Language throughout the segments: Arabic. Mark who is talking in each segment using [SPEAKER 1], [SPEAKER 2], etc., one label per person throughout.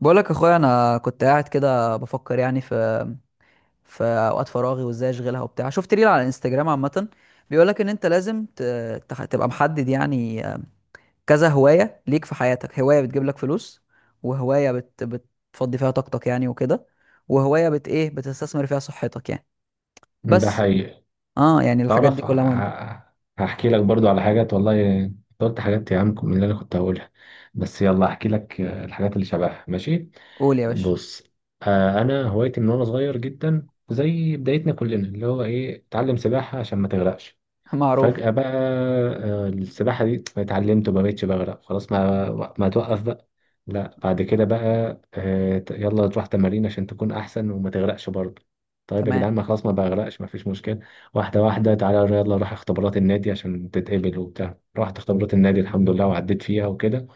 [SPEAKER 1] بقولك يا اخويا انا كنت قاعد كده بفكر يعني في اوقات فراغي وازاي اشغلها وبتاع. شفت ريل على الانستجرام عامه بيقولك ان انت لازم تبقى محدد يعني، كذا هوايه ليك في حياتك. هوايه بتجيب لك فلوس، وهوايه بتفضي فيها طاقتك يعني وكده، وهوايه بت ايه بتستثمر فيها صحتك يعني.
[SPEAKER 2] ده
[SPEAKER 1] بس
[SPEAKER 2] حقيقي.
[SPEAKER 1] اه يعني الحاجات دي
[SPEAKER 2] تعرف
[SPEAKER 1] كلها مهمه.
[SPEAKER 2] هحكي لك برضو على حاجات، والله أنت قلت حاجات يا عم من اللي انا كنت هقولها. بس يلا احكي لك، الحاجات اللي شبهها ماشي.
[SPEAKER 1] قول يا باشا.
[SPEAKER 2] بص، انا هوايتي من وانا صغير جدا، زي بدايتنا كلنا اللي هو ايه اتعلم سباحة عشان ما تغرقش.
[SPEAKER 1] معروف.
[SPEAKER 2] فجأة بقى، السباحة دي اتعلمت وما بقتش بغرق، خلاص ما توقف بقى. لا، بعد كده بقى يلا تروح تمارين عشان تكون أحسن وما تغرقش برضه. طيب يا جدعان،
[SPEAKER 1] تمام.
[SPEAKER 2] ما خلاص ما بغرقش، ما فيش مشكلة. واحدة واحدة، تعالى يلا روح اختبارات النادي عشان تتقبل وبتاع. رحت اختبارات النادي الحمد لله وعديت فيها وكده.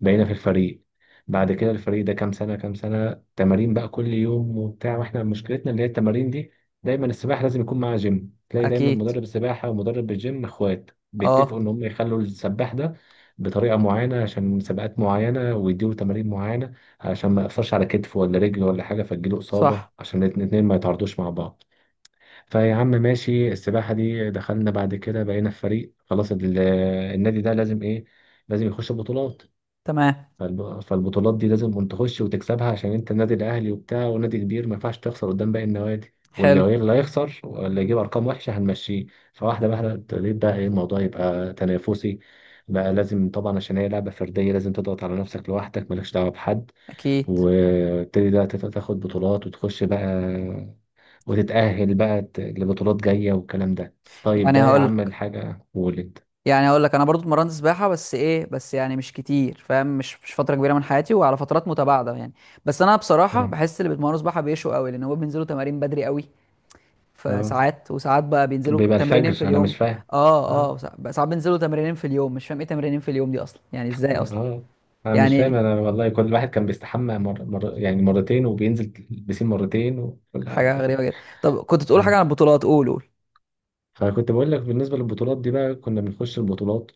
[SPEAKER 2] بقينا في الفريق. بعد كده الفريق ده، كام سنة كام سنة تمارين بقى كل يوم وبتاع، واحنا مشكلتنا اللي هي التمارين دي. دايما السباحة لازم يكون معاها جيم. تلاقي دايما
[SPEAKER 1] اكيد.
[SPEAKER 2] مدرب سباحة ومدرب الجيم اخوات، بيتفقوا ان
[SPEAKER 1] اه.
[SPEAKER 2] هم يخلوا السباح ده بطريقة معينة عشان مسابقات معينة، ويديله تمارين معينة عشان ما يقفرش على كتفه ولا رجله ولا حاجة فتجيله إصابة،
[SPEAKER 1] صح.
[SPEAKER 2] عشان الاتنين الاتنين ما يتعرضوش مع بعض. فيا عم ماشي، السباحة دي دخلنا، بعد كده بقينا في فريق خلاص. النادي ده لازم ايه؟ لازم يخش بطولات.
[SPEAKER 1] تمام.
[SPEAKER 2] فالبطولات دي لازم انت تخش وتكسبها، عشان انت النادي الاهلي وبتاع ونادي كبير، ما ينفعش تخسر قدام باقي النوادي، واللي
[SPEAKER 1] حلو.
[SPEAKER 2] هي- اللي هيخسر واللي يجيب ارقام وحشه هنمشيه. فواحده واحده ابتديت بقى ايه، الموضوع يبقى تنافسي. بقى لازم طبعا، عشان هي لعبه فرديه، لازم تضغط على نفسك لوحدك مالكش دعوه بحد.
[SPEAKER 1] اكيد.
[SPEAKER 2] وابتدي بقى تاخد بطولات وتخش بقى، وتتاهل بقى لبطولات جايه والكلام ده. طيب
[SPEAKER 1] يعني
[SPEAKER 2] ده يا
[SPEAKER 1] هقول
[SPEAKER 2] عم الحاجه ولد.
[SPEAKER 1] يعني اقول لك انا برضو اتمرنت سباحه، بس يعني مش كتير، فاهم؟ مش فتره كبيره من حياتي، وعلى فترات متباعده يعني. بس انا
[SPEAKER 2] اه.
[SPEAKER 1] بصراحه بحس اللي بيتمرنوا سباحه بيشوا قوي، لان هو بينزلوا تمارين بدري قوي. في
[SPEAKER 2] اه،
[SPEAKER 1] ساعات وساعات بقى بينزلوا
[SPEAKER 2] بيبقى
[SPEAKER 1] تمرينين في
[SPEAKER 2] الفجر انا
[SPEAKER 1] اليوم.
[SPEAKER 2] مش فاهم.
[SPEAKER 1] اه ساعات بينزلوا تمرينين في اليوم، مش فاهم ايه تمرينين في اليوم دي اصلا يعني، ازاي اصلا.
[SPEAKER 2] اه. انا مش فاهم،
[SPEAKER 1] يعني
[SPEAKER 2] انا والله كل واحد كان بيستحمى يعني مرتين، وبينزل البسين مرتين وكل حاجه
[SPEAKER 1] حاجه غريبه
[SPEAKER 2] يعني.
[SPEAKER 1] جدا. طب كنت تقول حاجه
[SPEAKER 2] آه.
[SPEAKER 1] عن البطولات، قول قول.
[SPEAKER 2] فكنت بقول لك، بالنسبه للبطولات دي بقى كنا بنخش البطولات.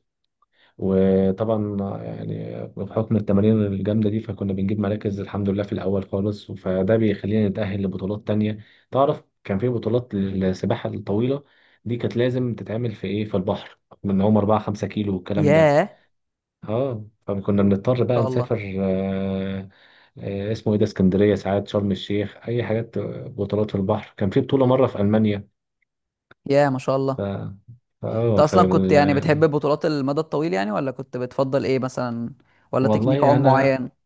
[SPEAKER 2] وطبعا يعني بحكم التمارين الجامده دي، فكنا بنجيب مراكز الحمد لله في الاول خالص، فده بيخلينا نتاهل لبطولات تانية. تعرف كان في بطولات للسباحه الطويله، دي كانت لازم تتعمل في ايه، في البحر، من هم 4 5 كيلو والكلام
[SPEAKER 1] ياه
[SPEAKER 2] ده.
[SPEAKER 1] ما
[SPEAKER 2] اه فكنا بنضطر بقى
[SPEAKER 1] شاء الله.
[SPEAKER 2] نسافر. اسمه ايه ده، اسكندريه، ساعات شرم الشيخ، اي حاجات، بطولات في البحر. كان في بطوله مره في المانيا.
[SPEAKER 1] ياه ما شاء
[SPEAKER 2] ف
[SPEAKER 1] الله. انت
[SPEAKER 2] اه
[SPEAKER 1] اصلا كنت يعني بتحب
[SPEAKER 2] فال...
[SPEAKER 1] البطولات المدى الطويل يعني، ولا كنت بتفضل ايه مثلا، ولا تكنيك
[SPEAKER 2] والله
[SPEAKER 1] عوم
[SPEAKER 2] انا
[SPEAKER 1] معين؟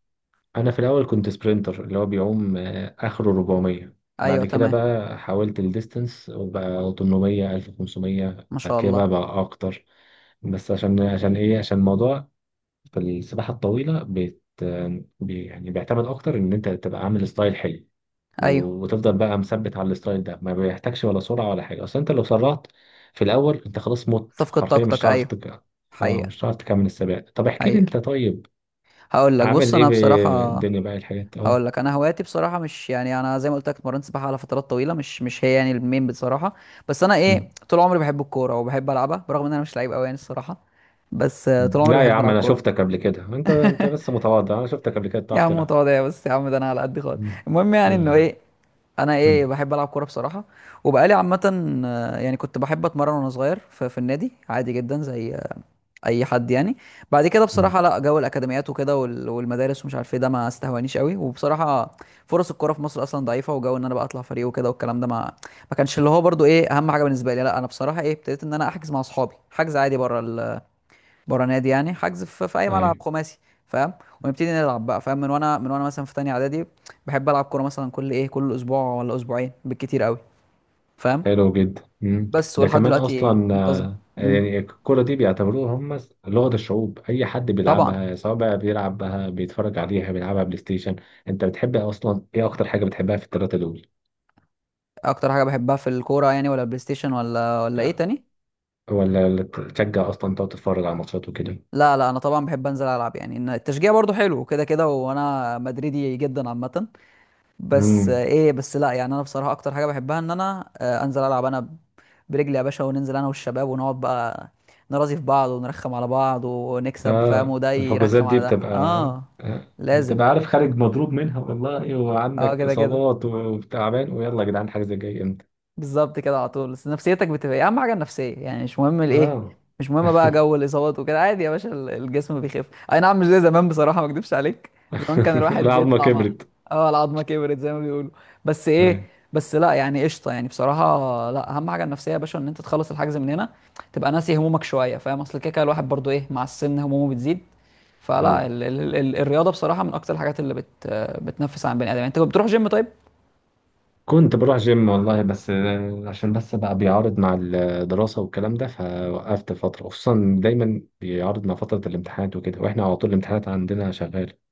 [SPEAKER 2] انا في الاول كنت سبرينتر اللي هو بيعوم آه اخره 400.
[SPEAKER 1] ايوه
[SPEAKER 2] بعد كده
[SPEAKER 1] تمام.
[SPEAKER 2] بقى حاولت الديستنس وبقى 800 1500،
[SPEAKER 1] ما
[SPEAKER 2] بعد
[SPEAKER 1] شاء
[SPEAKER 2] كده بقى
[SPEAKER 1] الله.
[SPEAKER 2] بقى اكتر. بس عشان عشان ايه، عشان الموضوع في السباحه الطويله يعني بيعتمد اكتر ان انت تبقى عامل ستايل حلو، و-
[SPEAKER 1] ايوه
[SPEAKER 2] وتفضل بقى مثبت على الستايل ده. ما بيحتاجش ولا سرعة ولا حاجة، اصل انت لو سرعت في الاول انت خلاص مت
[SPEAKER 1] صفقة
[SPEAKER 2] حرفيا، مش
[SPEAKER 1] طاقتك،
[SPEAKER 2] هتعرف
[SPEAKER 1] ايوه.
[SPEAKER 2] اه
[SPEAKER 1] حقيقة.
[SPEAKER 2] مش هتعرف تكمل السباق. طب احكي لي
[SPEAKER 1] حقيقة.
[SPEAKER 2] انت، طيب
[SPEAKER 1] هقول لك، بص
[SPEAKER 2] عامل ايه
[SPEAKER 1] انا
[SPEAKER 2] في
[SPEAKER 1] بصراحة
[SPEAKER 2] الدنيا بقى الحاجات. اه.
[SPEAKER 1] هقول لك انا هواياتي بصراحة مش يعني، انا زي ما قلت لك اتمرنت سباحة على فترات طويلة، مش هي يعني المين بصراحة. بس انا ايه،
[SPEAKER 2] مم.
[SPEAKER 1] طول عمري بحب الكورة وبحب العبها، برغم ان انا مش لعيب قوي يعني الصراحة. بس طول عمري
[SPEAKER 2] لا يا
[SPEAKER 1] بحب
[SPEAKER 2] عم
[SPEAKER 1] العب
[SPEAKER 2] انا
[SPEAKER 1] كورة.
[SPEAKER 2] شفتك قبل كده، انت بس متواضع، انا شفتك قبل كده
[SPEAKER 1] يا
[SPEAKER 2] بتعرف
[SPEAKER 1] عم
[SPEAKER 2] تلعب.
[SPEAKER 1] متواضع، بس يا عم ده انا على قد خالص.
[SPEAKER 2] مم.
[SPEAKER 1] المهم يعني انه
[SPEAKER 2] لا.
[SPEAKER 1] ايه، انا ايه
[SPEAKER 2] مم.
[SPEAKER 1] بحب العب كوره بصراحه. وبقالي عامه يعني كنت بحب اتمرن وانا صغير في النادي، عادي جدا زي اي حد يعني. بعد كده
[SPEAKER 2] مم.
[SPEAKER 1] بصراحه لا، جو الاكاديميات وكده والمدارس ومش عارف ايه، ده ما استهوانيش قوي، وبصراحه فرص الكوره في مصر اصلا ضعيفه، وجو ان انا بقى اطلع فريق وكده والكلام ده ما كانش اللي هو برضو ايه اهم حاجه بالنسبه لي. لا انا بصراحه ايه ابتديت ان انا احجز مع اصحابي حجز عادي بره نادي يعني، حجز في اي ملعب
[SPEAKER 2] أيوة.
[SPEAKER 1] خماسي، فاهم؟ ونبتدي نلعب بقى، فاهم؟ من وانا مثلا في تانية اعدادي بحب العب كوره مثلا كل ايه، كل اسبوع ولا اسبوعين بالكتير قوي، فاهم؟
[SPEAKER 2] حلو جدا. مم.
[SPEAKER 1] بس
[SPEAKER 2] ده
[SPEAKER 1] ولحد
[SPEAKER 2] كمان
[SPEAKER 1] دلوقتي
[SPEAKER 2] اصلا
[SPEAKER 1] منتظم. امم.
[SPEAKER 2] يعني الكرة دي بيعتبروها هم لغة الشعوب، اي حد
[SPEAKER 1] طبعا.
[SPEAKER 2] بيلعبها، سواء بقى بيلعبها، بيتفرج عليها، بيلعبها بلاي ستيشن. انت بتحب اصلا ايه، اكتر حاجة بتحبها في الثلاثة دول؟
[SPEAKER 1] اكتر حاجه بحبها في الكوره يعني، ولا البلاي ستيشن، ولا ايه
[SPEAKER 2] آه،
[SPEAKER 1] تاني؟
[SPEAKER 2] ولا تشجع اصلا تقعد تتفرج على ماتشات وكده؟
[SPEAKER 1] لا لا انا طبعا بحب انزل العب يعني، إن التشجيع برضو حلو كده كده، وانا مدريدي جدا عامه. بس
[SPEAKER 2] امم.
[SPEAKER 1] ايه، بس لا يعني انا بصراحه اكتر حاجه بحبها ان انا، انزل العب انا برجلي يا باشا، وننزل انا والشباب ونقعد بقى نرازي في بعض، ونرخم على بعض ونكسب، فاهم؟
[SPEAKER 2] اه
[SPEAKER 1] وده
[SPEAKER 2] الحجوزات
[SPEAKER 1] يرخم
[SPEAKER 2] دي
[SPEAKER 1] على ده.
[SPEAKER 2] بتبقى
[SPEAKER 1] اه لازم.
[SPEAKER 2] بتبقى عارف خارج مضروب منها والله،
[SPEAKER 1] اه
[SPEAKER 2] وعندك
[SPEAKER 1] كده كده.
[SPEAKER 2] اصابات وتعبان ويلا يا جدعان حاجة زي جاي امتى.
[SPEAKER 1] بالظبط كده على طول. بس نفسيتك بتبقى ايه اهم حاجه، النفسيه يعني، مش مهم الايه،
[SPEAKER 2] اه.
[SPEAKER 1] مش مهم بقى جو الاصابات وكده، عادي يا باشا الجسم بيخف. اي نعم، مش زي زمان بصراحه، ما اكدبش عليك، زمان كان الواحد
[SPEAKER 2] العظمة
[SPEAKER 1] بيطلع مع.
[SPEAKER 2] كبرت.
[SPEAKER 1] اه، العظمه كبرت زي ما بيقولوا. بس ايه،
[SPEAKER 2] أيوة.
[SPEAKER 1] لا يعني قشطه يعني بصراحه. لا، اهم حاجه النفسيه يا باشا، ان انت تخلص الحجز من هنا تبقى ناسي همومك شويه، فاهم؟ اصل كده كده الواحد برضو ايه، مع السن همومه بتزيد. فلا
[SPEAKER 2] أيوة.
[SPEAKER 1] الرياضه بصراحه من اكتر الحاجات اللي بتنفس عن بني ادم يعني. انت بتروح جيم؟ طيب.
[SPEAKER 2] كنت بروح جيم والله، بس عشان بس بقى بيعارض مع الدراسة والكلام ده فوقفت فترة، خصوصا دايما بيعارض مع فترة الامتحانات وكده، واحنا على طول الامتحانات عندنا شغالة.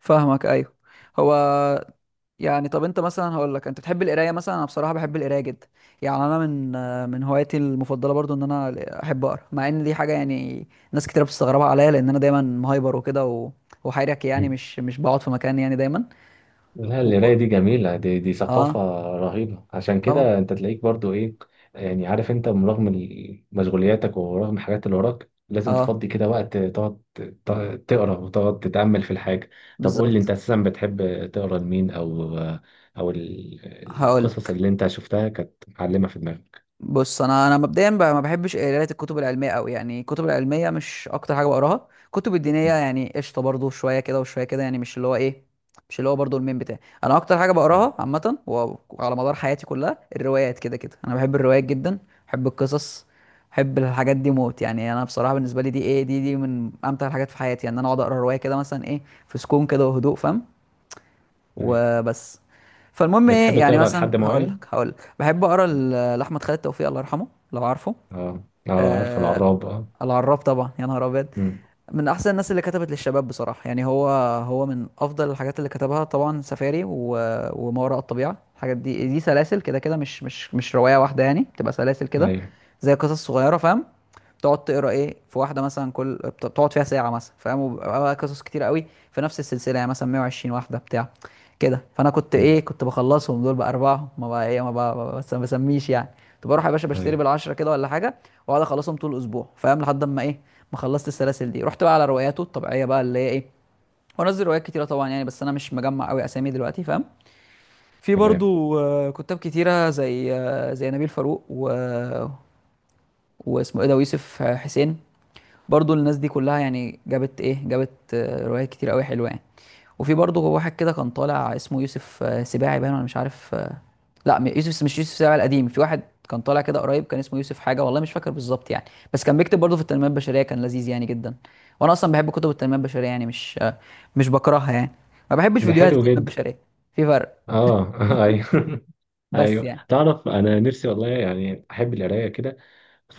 [SPEAKER 1] فاهمك، ايوه. هو يعني، طب انت مثلا هقول لك، انت بتحب القرايه مثلا؟ انا بصراحه بحب القرايه جدا يعني. انا من من هواياتي المفضله برضو ان انا احب اقرا، مع ان دي حاجه يعني ناس كتير بتستغربها عليا، لان انا دايما مهايبر وكده، و... وحيرك يعني، مش بقعد في مكان يعني، دايما.
[SPEAKER 2] لا،
[SPEAKER 1] و...
[SPEAKER 2] القراية دي جميلة، دي ثقافة
[SPEAKER 1] اه.
[SPEAKER 2] رهيبة. عشان
[SPEAKER 1] طبعا.
[SPEAKER 2] كده انت تلاقيك برضو ايه، يعني عارف انت رغم مشغولياتك ورغم الحاجات اللي وراك لازم
[SPEAKER 1] اه
[SPEAKER 2] تفضي كده وقت تقعد تقرا وتقعد تتأمل في الحاجة. طب قول لي انت
[SPEAKER 1] بالظبط.
[SPEAKER 2] اساسا بتحب تقرا لمين، او او
[SPEAKER 1] هقول،
[SPEAKER 2] القصص اللي انت شفتها كانت معلمة في دماغك؟
[SPEAKER 1] بص انا مبدئيا ما بحبش قرايه الكتب العلميه قوي يعني، الكتب العلميه مش اكتر حاجه بقراها. الكتب
[SPEAKER 2] م-
[SPEAKER 1] الدينيه يعني قشطه برضو شويه كده وشويه كده يعني، مش اللي هو برضو المين بتاعي. انا اكتر حاجه
[SPEAKER 2] م-
[SPEAKER 1] بقراها عامه، وعلى مدار حياتي كلها، الروايات كده كده. انا بحب الروايات جدا، بحب القصص، بحب الحاجات دي موت يعني. انا بصراحه بالنسبه لي دي ايه، دي دي من امتع الحاجات في حياتي يعني، ان يعني انا اقعد اقرا روايه كده مثلا ايه، في سكون كده وهدوء، فاهم؟
[SPEAKER 2] أيوة.
[SPEAKER 1] وبس. فالمهم ايه،
[SPEAKER 2] بتحب
[SPEAKER 1] يعني
[SPEAKER 2] تقرا
[SPEAKER 1] مثلا
[SPEAKER 2] لحد
[SPEAKER 1] هقول
[SPEAKER 2] معين؟
[SPEAKER 1] لك هقول لك بحب اقرا
[SPEAKER 2] م.
[SPEAKER 1] لاحمد خالد توفيق، الله يرحمه، لو عارفه.
[SPEAKER 2] اه اه، عارف
[SPEAKER 1] آه
[SPEAKER 2] العراب اه.
[SPEAKER 1] العراب، طبعا، يا نهار ابيض.
[SPEAKER 2] م.
[SPEAKER 1] من احسن الناس اللي كتبت للشباب بصراحه يعني. هو هو من افضل الحاجات اللي كتبها طبعا سفاري، و... وما وراء الطبيعه، الحاجات دي دي سلاسل كده كده، مش روايه واحده يعني، بتبقى سلاسل كده
[SPEAKER 2] ايوه.
[SPEAKER 1] زي قصص صغيره، فاهم؟ تقعد تقرا ايه في واحده مثلا، كل تقعد فيها ساعه مثلا، فاهم؟ وبيبقى بقى قصص كتير قوي في نفس السلسله، يعني مثلا 120 واحده بتاع كده. فانا كنت
[SPEAKER 2] م.
[SPEAKER 1] ايه، كنت بخلصهم دول باربعه، ما بقى ايه، ما بقى، ما ما بسميش يعني، كنت بروح يا باشا بشتري
[SPEAKER 2] ايوه
[SPEAKER 1] بالعشره كده ولا حاجه، واقعد اخلصهم طول الاسبوع، فاهم؟ لحد اما ايه ما خلصت السلاسل دي، رحت بقى على رواياته الطبيعيه بقى، اللي هي ايه، وانزل روايات كتيره طبعا يعني. بس انا مش مجمع قوي اسامي دلوقتي، فاهم؟ في
[SPEAKER 2] تمام.
[SPEAKER 1] برضو كتاب كتيره زي، زي نبيل فاروق، و... واسمه ايه ده، ويوسف حسين، برضو الناس دي كلها يعني جابت روايات كتير قوي حلوه يعني. وفي برضه واحد كده كان طالع، اسمه يوسف سباعي باين، ولا مش عارف، لا، يوسف مش يوسف سباعي القديم، في واحد كان طالع كده قريب، كان اسمه يوسف حاجه والله مش فاكر بالظبط يعني. بس كان بيكتب برضه في التنميه البشريه، كان لذيذ يعني جدا. وانا اصلا بحب كتب التنميه البشريه يعني، مش بكرهها يعني. ما بحبش
[SPEAKER 2] ده
[SPEAKER 1] فيديوهات
[SPEAKER 2] حلو
[SPEAKER 1] التنميه
[SPEAKER 2] جدا.
[SPEAKER 1] البشريه، في فرق.
[SPEAKER 2] اه ايوه.
[SPEAKER 1] بس
[SPEAKER 2] ايوه
[SPEAKER 1] يعني.
[SPEAKER 2] تعرف انا نفسي والله يعني احب القرايه كده،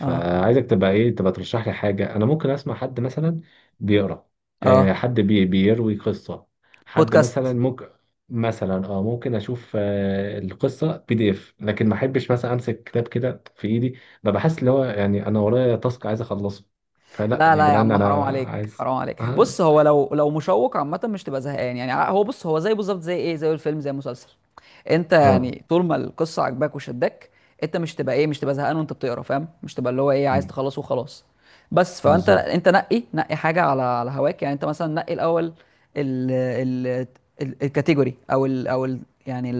[SPEAKER 1] اه
[SPEAKER 2] تبقى ايه، تبقى ترشح لي حاجه انا ممكن اسمع حد مثلا بيقرا، آه
[SPEAKER 1] اه
[SPEAKER 2] حد بيروي قصه، حد مثلا
[SPEAKER 1] بودكاست.
[SPEAKER 2] ممكن، مثلا اه، ممكن اشوف آه القصه بي دي اف، لكن ما احبش مثلا امسك كتاب كده في ايدي، ببقى حاسس اللي هو يعني انا ورايا تاسك عايز اخلصه، فلا
[SPEAKER 1] لا
[SPEAKER 2] يا
[SPEAKER 1] لا يا
[SPEAKER 2] جدعان
[SPEAKER 1] عم، حرام
[SPEAKER 2] انا
[SPEAKER 1] عليك
[SPEAKER 2] عايز.
[SPEAKER 1] حرام عليك،
[SPEAKER 2] اه.
[SPEAKER 1] بص، هو لو مشوق عامة مش تبقى زهقان يعني، هو بص، هو زي بالظبط زي ايه، زي الفيلم زي المسلسل، انت
[SPEAKER 2] اه.
[SPEAKER 1] يعني طول ما القصة عجباك وشدك انت مش تبقى ايه، مش تبقى زهقان وانت بتقرا، فاهم؟ مش تبقى اللي هو ايه عايز
[SPEAKER 2] مم.
[SPEAKER 1] تخلص وخلاص. بس فانت،
[SPEAKER 2] بالظبط.
[SPEAKER 1] انت نقي نقي حاجة على هواك يعني، انت مثلا نقي الاول ال ال الكاتيجوري او ال او ال يعني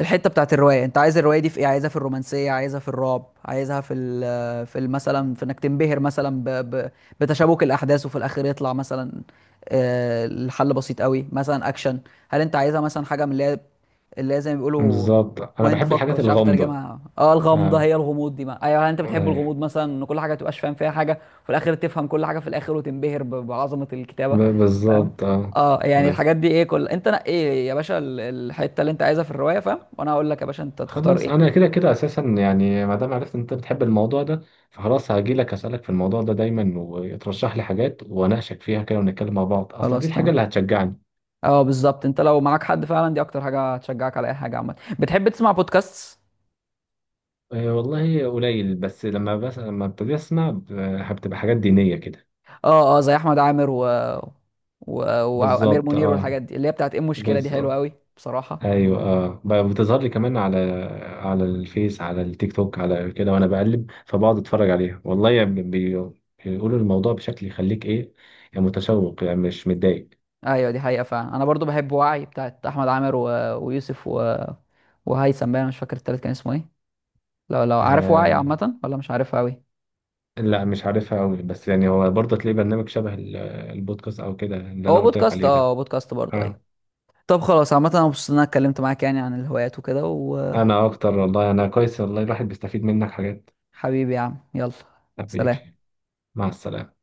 [SPEAKER 1] الحته بتاعت الروايه، انت عايز الروايه دي في ايه، عايزها في الرومانسيه، عايزها في الرعب، عايزها مثلا في انك تنبهر مثلا ب ب بتشابك الاحداث وفي الاخر يطلع مثلا الحل بسيط قوي، مثلا اكشن. هل انت عايزها مثلا حاجه من اللي هي، اللي هي زي ما بيقولوا
[SPEAKER 2] بالظبط انا
[SPEAKER 1] مايند
[SPEAKER 2] بحب
[SPEAKER 1] فك،
[SPEAKER 2] الحاجات
[SPEAKER 1] مش عارف
[SPEAKER 2] الغامضه.
[SPEAKER 1] اترجمها، اه الغمضه،
[SPEAKER 2] اه.
[SPEAKER 1] هي الغموض دي ما، ايوه. هل انت بتحب
[SPEAKER 2] ايوه.
[SPEAKER 1] الغموض مثلا، ان كل حاجه ما تبقاش فاهم فيها حاجه، وفي الاخر تفهم كل حاجه في الاخر، وتنبهر بعظمه الكتابه.
[SPEAKER 2] بالظبط اه.
[SPEAKER 1] اه يعني
[SPEAKER 2] ايوه
[SPEAKER 1] الحاجات دي ايه، كل انت نقي ايه يا باشا الحته اللي انت عايزها في الروايه، فاهم؟ وانا هقول لك يا باشا انت تختار
[SPEAKER 2] خلاص،
[SPEAKER 1] ايه.
[SPEAKER 2] انا كده كده اساسا يعني، ما دام عرفت ان انت بتحب الموضوع ده، فخلاص هاجي لك اسالك في الموضوع ده دايما، وترشح لي حاجات واناقشك فيها كده ونتكلم مع بعض، اصل دي
[SPEAKER 1] خلاص
[SPEAKER 2] الحاجه
[SPEAKER 1] تمام.
[SPEAKER 2] اللي هتشجعني.
[SPEAKER 1] اه بالظبط، انت لو معاك حد فعلا دي اكتر حاجه هتشجعك على اي حاجه عامه. بتحب تسمع بودكاست؟
[SPEAKER 2] أه والله قليل، بس لما ابتدي اسمع بتبقى حاجات دينيه كده.
[SPEAKER 1] اه زي احمد عامر، و... و... وامير
[SPEAKER 2] بالظبط
[SPEAKER 1] منير،
[SPEAKER 2] اه.
[SPEAKER 1] والحاجات دي اللي هي بتاعت ايه، المشكله دي حلوه
[SPEAKER 2] بالظبط.
[SPEAKER 1] قوي بصراحه.
[SPEAKER 2] ايوه اه بقى بتظهر لي كمان على الفيس، على التيك توك، على كده وانا بقلب، فبقعد اتفرج عليها والله يعني بيقولوا الموضوع بشكل يخليك ايه، يعني متشوق يعني مش متضايق.
[SPEAKER 1] ايوه دي حقيقه فعلا، انا برضو بحب وعي بتاعت احمد عامر، و... ويوسف، و... وهيثم بقى، انا مش فاكر التالت كان اسمه ايه. لو لو عارف وعي
[SPEAKER 2] آه
[SPEAKER 1] عامه، ولا مش عارفها قوي.
[SPEAKER 2] لا مش عارفها قوي، بس يعني هو برضه تلاقي برنامج شبه البودكاست او كده اللي
[SPEAKER 1] هو
[SPEAKER 2] انا قلت لك
[SPEAKER 1] بودكاست،
[SPEAKER 2] عليه
[SPEAKER 1] اه
[SPEAKER 2] ده.
[SPEAKER 1] هو بودكاست برضو. أيوة.
[SPEAKER 2] اه.
[SPEAKER 1] طب خلاص عامة انا مبسوط ان انا اتكلمت معاك يعني عن الهوايات وكده.
[SPEAKER 2] انا اكتر والله، انا كويس والله، الواحد بيستفيد منك حاجات.
[SPEAKER 1] وحبيبي يا عم، يلا.
[SPEAKER 2] حبيبي.
[SPEAKER 1] سلام.
[SPEAKER 2] مع السلامة.